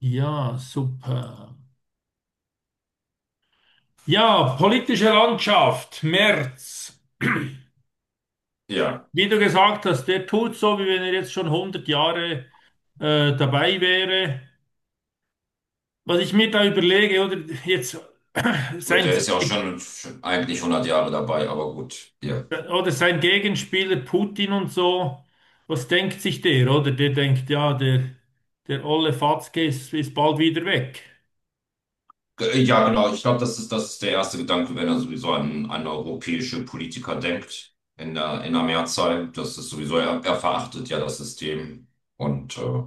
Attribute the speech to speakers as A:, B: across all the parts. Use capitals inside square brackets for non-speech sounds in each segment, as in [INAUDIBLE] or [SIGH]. A: Ja, super. Ja, politische Landschaft, Merz.
B: Ja,
A: Wie du gesagt hast, der tut so, wie wenn er jetzt schon hundert Jahre dabei wäre. Was ich mir da überlege, oder jetzt [CLEARS THROAT]
B: gut,
A: sein,
B: der ist ja auch schon eigentlich 100 Jahre dabei, aber gut.
A: oder sein Gegenspieler Putin und so, was denkt sich der, oder? Der denkt, ja, der olle Fatzke ist bald wieder weg.
B: Genau, ich glaube, das ist der erste Gedanke, wenn er sowieso an europäische Politiker denkt, in der Mehrzahl. Das ist sowieso, er verachtet ja das System. Und äh,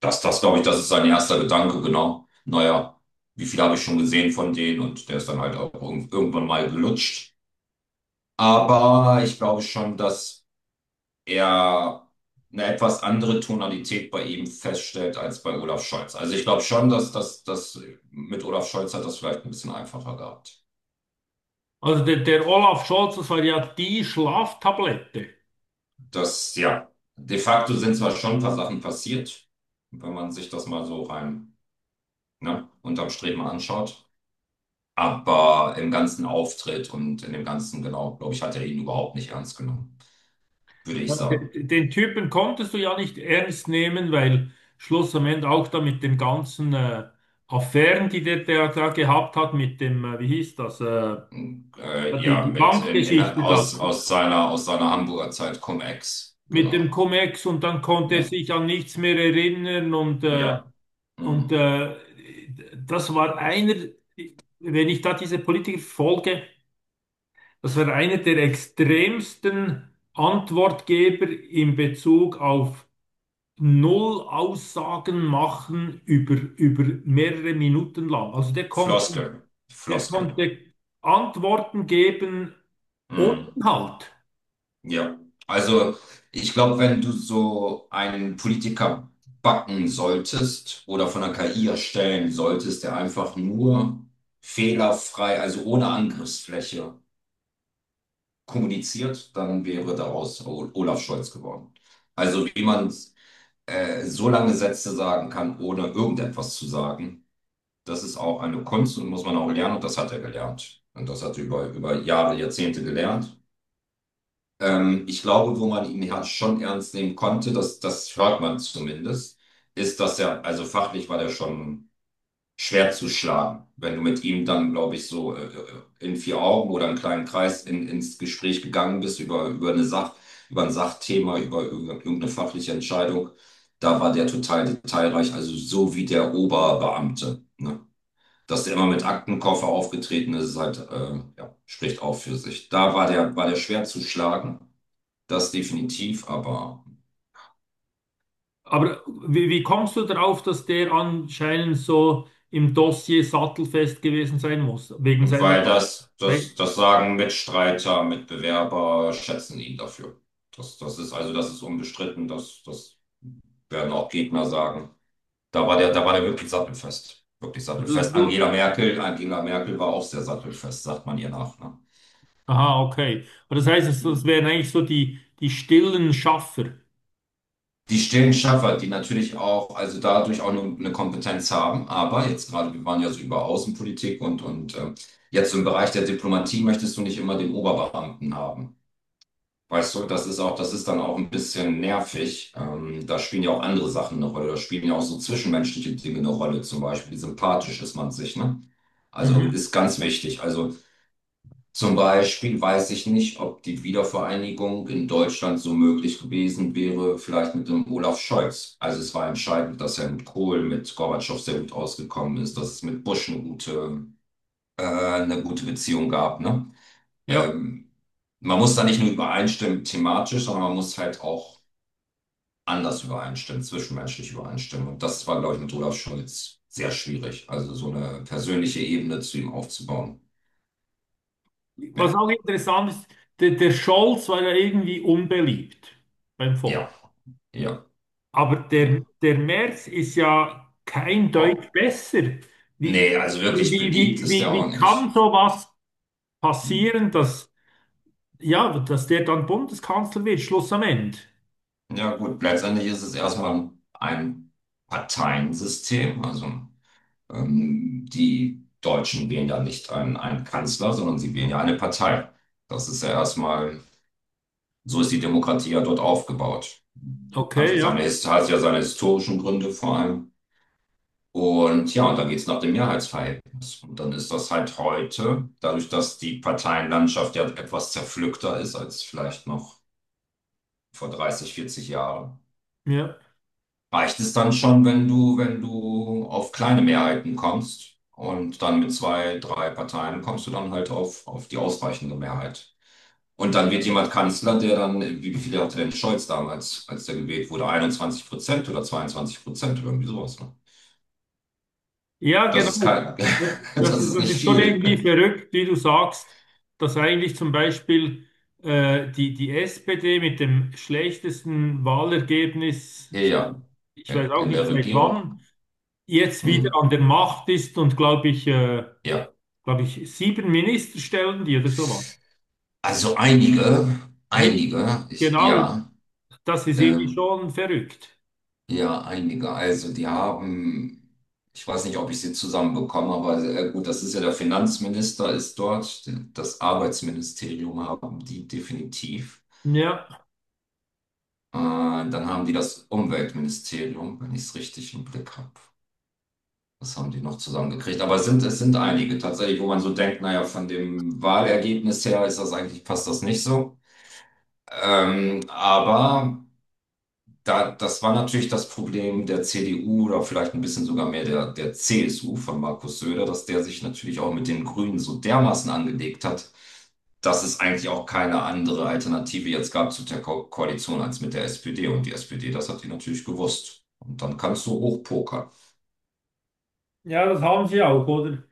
B: das glaube ich, das ist sein erster Gedanke, genau. Naja, wie viel habe ich schon gesehen von denen? Und der ist dann halt auch irgendwann mal gelutscht. Aber ich glaube schon, dass eher eine etwas andere Tonalität bei ihm feststellt als bei Olaf Scholz. Also ich glaube schon, dass mit Olaf Scholz hat das vielleicht ein bisschen einfacher gehabt.
A: Also der Olaf Scholz, das war ja die Schlaftablette.
B: Das, ja, de facto sind zwar schon ein paar Sachen passiert, wenn man sich das mal so rein, ne, unterm Strich mal anschaut. Aber im ganzen Auftritt und in dem ganzen, genau, glaube ich, hat er ihn überhaupt nicht ernst genommen, würde ich sagen.
A: Den Typen konntest du ja nicht ernst nehmen, weil Schluss am Ende auch da mit den ganzen Affären, die der da gehabt hat, mit dem, wie hieß das, die,
B: Ja,
A: die
B: mit
A: Bankgeschichte da,
B: aus aus seiner Hamburger Zeit Cum-Ex.
A: mit
B: Genau.
A: dem Cum-Ex, und dann konnte er
B: Ja.
A: sich an nichts mehr erinnern,
B: Ja.
A: und
B: Mhm.
A: das war einer, wenn ich da diese Politiker folge, das war einer der extremsten Antwortgeber in Bezug auf null Aussagen machen über, über mehrere Minuten lang. Also
B: Floskel,
A: der
B: Floskel.
A: konnte Antworten geben ohne
B: Mhm.
A: Inhalt.
B: Ja, also ich glaube, wenn du so einen Politiker backen solltest oder von der KI erstellen solltest, der einfach nur fehlerfrei, also ohne Angriffsfläche kommuniziert, dann wäre daraus Olaf Scholz geworden. Also wie man so lange Sätze sagen kann, ohne irgendetwas zu sagen, das ist auch eine Kunst und muss man auch lernen und das hat er gelernt. Und das hat er über Jahre, Jahrzehnte gelernt. Ich glaube, wo man ihn ja schon ernst nehmen konnte, das hört man zumindest, ist, dass er, also fachlich war der schon schwer zu schlagen. Wenn du mit ihm dann, glaube ich, so in vier Augen oder einen kleinen Kreis ins Gespräch gegangen bist über eine Sach, über ein Sachthema, über irgendeine fachliche Entscheidung, da war der total detailreich, also so wie der Oberbeamte. Ne? Dass der immer mit Aktenkoffer aufgetreten ist, ist halt, ja, spricht auch für sich. War der schwer zu schlagen. Das definitiv, aber
A: Aber wie kommst du darauf, dass der anscheinend so im Dossier sattelfest gewesen sein muss? Wegen seiner.
B: weil
A: weil-
B: das sagen Mitstreiter, Mitbewerber, schätzen ihn dafür. Das ist also, das ist unbestritten, das werden auch Gegner sagen. Da war der wirklich sattelfest. Wirklich
A: Also
B: sattelfest.
A: du,
B: Angela Merkel war auch sehr sattelfest, sagt man ihr nach. Ne?
A: aha, okay. Aber das heißt, das
B: Mhm.
A: wären eigentlich so die stillen Schaffer.
B: Die stillen Schaffer, die natürlich auch, also dadurch auch eine Kompetenz haben, aber jetzt gerade, wir waren ja so über Außenpolitik und jetzt im Bereich der Diplomatie möchtest du nicht immer den Oberbeamten haben. Weißt du, das ist dann auch ein bisschen nervig. Da spielen ja auch andere Sachen eine Rolle. Da spielen ja auch so zwischenmenschliche Dinge eine Rolle. Zum Beispiel, wie sympathisch ist man sich, ne? Also
A: Mhm.
B: ist ganz wichtig. Also zum Beispiel weiß ich nicht, ob die Wiedervereinigung in Deutschland so möglich gewesen wäre, vielleicht mit dem Olaf Scholz. Also es war entscheidend, dass er mit Kohl, mit Gorbatschow sehr gut ausgekommen ist, dass es mit Bush eine gute Beziehung gab, ne?
A: Ja.
B: Ähm, Man muss da nicht nur übereinstimmen thematisch, sondern man muss halt auch anders übereinstimmen, zwischenmenschlich übereinstimmen. Und das war, glaube ich, mit Olaf Scholz sehr schwierig. Also so eine persönliche Ebene zu ihm aufzubauen.
A: Was
B: Ja,
A: auch interessant ist, der Scholz war ja irgendwie unbeliebt beim Volk.
B: ja, ja,
A: Aber der,
B: ja.
A: der Merz ist ja kein
B: Oh.
A: Deut besser.
B: Nee,
A: Wie,
B: also
A: wie,
B: wirklich
A: wie,
B: beliebt
A: wie,
B: ist
A: wie
B: er auch
A: wie kann
B: nicht.
A: sowas
B: Hm.
A: passieren, dass, ja, dass der dann Bundeskanzler wird, Schluss am Ende?
B: Ja gut, letztendlich ist es erstmal ein Parteiensystem. Also die Deutschen wählen ja nicht einen Kanzler, sondern sie wählen ja eine Partei. Das ist ja erstmal. So ist die Demokratie ja dort aufgebaut. Hat
A: Okay,
B: ja
A: ja,
B: seine, hat ja seine historischen Gründe vor allem. Und ja, und dann geht es nach dem Mehrheitsverhältnis. Und dann ist das halt heute, dadurch, dass die Parteienlandschaft ja etwas zerpflückter ist als vielleicht noch vor 30, 40 Jahren,
A: ja.
B: reicht es dann schon, wenn wenn du auf kleine Mehrheiten kommst. Und dann mit zwei, drei Parteien kommst du dann halt auf die ausreichende Mehrheit. Und dann wird jemand Kanzler, der dann, wie viele hatte denn Scholz damals, als der gewählt wurde? 21% oder 22% oder irgendwie sowas. Ne?
A: Ja,
B: Das ist
A: genau.
B: kein, [LAUGHS] das ist
A: Das
B: nicht
A: ist schon irgendwie
B: viel.
A: verrückt, wie du sagst, dass eigentlich zum Beispiel die SPD mit dem schlechtesten
B: Ja,
A: Wahlergebnis,
B: ja,
A: ich weiß auch
B: in
A: nicht
B: der
A: seit
B: Regierung.
A: wann, jetzt
B: Hm.
A: wieder an der Macht ist und
B: Ja.
A: glaube ich, sieben Minister stellen die oder so was.
B: Also einige,
A: Einige. Genau,
B: ja,
A: das ist irgendwie
B: ähm,
A: schon verrückt.
B: ja, einige. Also die haben, ich weiß nicht, ob ich sie zusammenbekomme, aber gut, das ist ja der Finanzminister ist dort, das Arbeitsministerium haben die definitiv.
A: Ja,
B: Dann haben die das Umweltministerium, wenn ich es richtig im Blick habe. Das haben die noch zusammengekriegt. Aber es sind einige tatsächlich, wo man so denkt, naja, von dem Wahlergebnis her ist das eigentlich, passt das nicht so. Ähm, aber das war natürlich das Problem der CDU oder vielleicht ein bisschen sogar mehr der CSU von Markus Söder, dass der sich natürlich auch mit den Grünen so dermaßen angelegt hat, dass es eigentlich auch keine andere Alternative jetzt gab zu der Ko Koalition als mit der SPD. Und die SPD, das hat die natürlich gewusst. Und dann kannst du hochpokern.
A: ja, das haben sie auch, oder?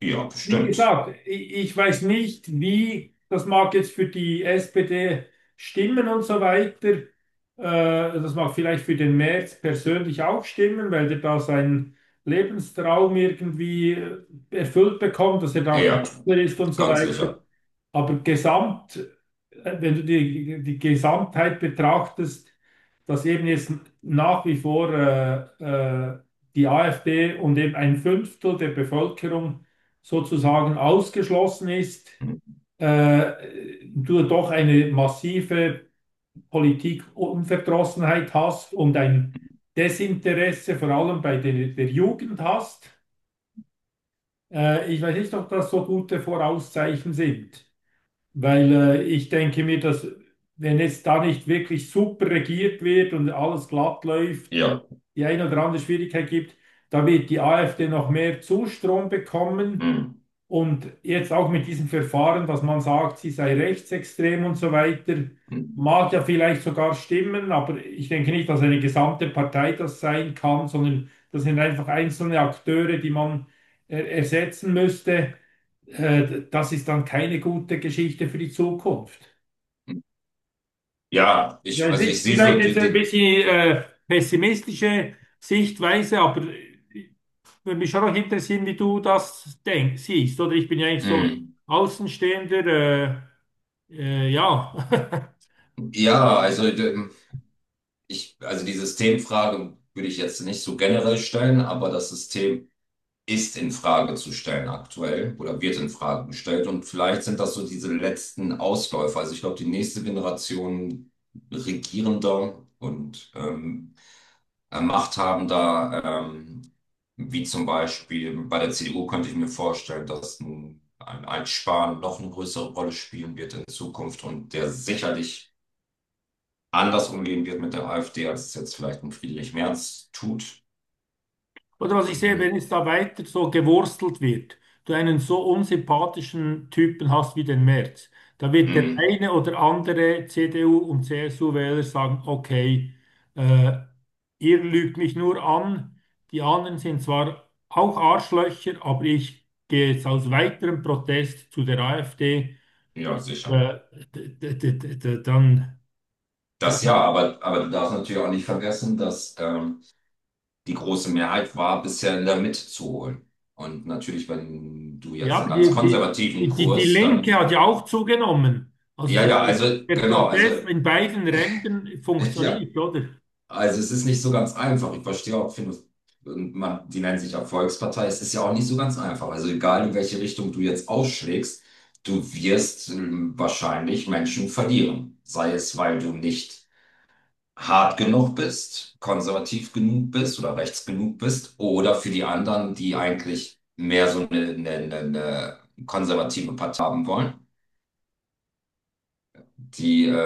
B: Ja,
A: Wie
B: bestimmt.
A: gesagt, ich weiß nicht, wie, das mag jetzt für die SPD stimmen und so weiter. Das mag vielleicht für den Merz persönlich auch stimmen, weil der da seinen Lebenstraum irgendwie erfüllt bekommt, dass er da
B: Ja,
A: Kanzler ist und so
B: ganz
A: weiter.
B: sicher.
A: Aber gesamt, wenn du die Gesamtheit betrachtest, dass eben jetzt nach wie vor die AfD und eben ein Fünftel der Bevölkerung sozusagen ausgeschlossen ist,
B: Hm.
A: du doch eine massive Politikunverdrossenheit hast und ein Desinteresse vor allem bei der Jugend hast. Ich weiß nicht, ob das so gute Vorauszeichen sind. Weil ich denke mir, dass wenn jetzt da nicht wirklich super regiert wird und alles glatt läuft,
B: Ja.
A: die eine oder andere Schwierigkeit gibt, da wird die AfD noch mehr Zustrom bekommen.
B: Hm.
A: Und jetzt auch mit diesem Verfahren, dass man sagt, sie sei rechtsextrem und so weiter,
B: Hm.
A: mag ja vielleicht sogar stimmen, aber ich denke nicht, dass eine gesamte Partei das sein kann, sondern das sind einfach einzelne Akteure, die man ersetzen müsste, das ist dann keine gute Geschichte für die Zukunft.
B: Hm. Ja,
A: Ja,
B: ich,
A: es
B: also ich
A: ist
B: sehe
A: vielleicht
B: so
A: jetzt
B: die,
A: ein
B: die,
A: bisschen pessimistische Sichtweise, aber würde mich schon noch interessieren, wie du das denkst, siehst, oder? Ich bin ja eigentlich so
B: hm.
A: Außenstehender, ja. [LAUGHS]
B: ja, also d- ich, also die Systemfrage würde ich jetzt nicht so generell stellen, aber das System ist in Frage zu stellen aktuell oder wird in Frage gestellt. Und vielleicht sind das so diese letzten Ausläufer. Also ich glaube, die nächste Generation Regierender und Machthabender, ähm, wie zum Beispiel bei der CDU, könnte ich mir vorstellen, dass ein Spahn noch eine größere Rolle spielen wird in Zukunft und der sicherlich anders umgehen wird mit der AfD, als es jetzt vielleicht ein Friedrich Merz tut.
A: Oder was ich sehe, wenn
B: Mhm.
A: es da weiter so gewurstelt wird, du einen so unsympathischen Typen hast wie den Merz, da wird der
B: Mhm.
A: eine oder andere CDU- und CSU-Wähler sagen, okay, äh, ihr lügt mich nur an, die anderen sind zwar auch Arschlöcher, aber ich gehe jetzt aus weiterem Protest zu der AfD,
B: Ja, sicher.
A: äh, dann,
B: Das ja, aber du darfst natürlich auch nicht vergessen, dass die große Mehrheit war, bisher in der Mitte zu holen. Und natürlich, wenn du jetzt
A: ja,
B: einen
A: aber
B: ganz
A: die, die, die,
B: konservativen
A: die die
B: Kurs,
A: Linke hat
B: dann,
A: ja auch zugenommen. Also der,
B: ja, also
A: der
B: genau, also
A: Protest in beiden Rändern
B: [LAUGHS] ja,
A: funktioniert, oder?
B: also es ist nicht so ganz einfach. Ich verstehe auch, finde, man, die nennen sich ja Volkspartei. Es ist ja auch nicht so ganz einfach. Also egal, in welche Richtung du jetzt ausschlägst, du wirst wahrscheinlich Menschen verlieren. Sei es, weil du nicht hart genug bist, konservativ genug bist oder rechts genug bist oder für die anderen, die eigentlich mehr so eine eine konservative Partei haben wollen, die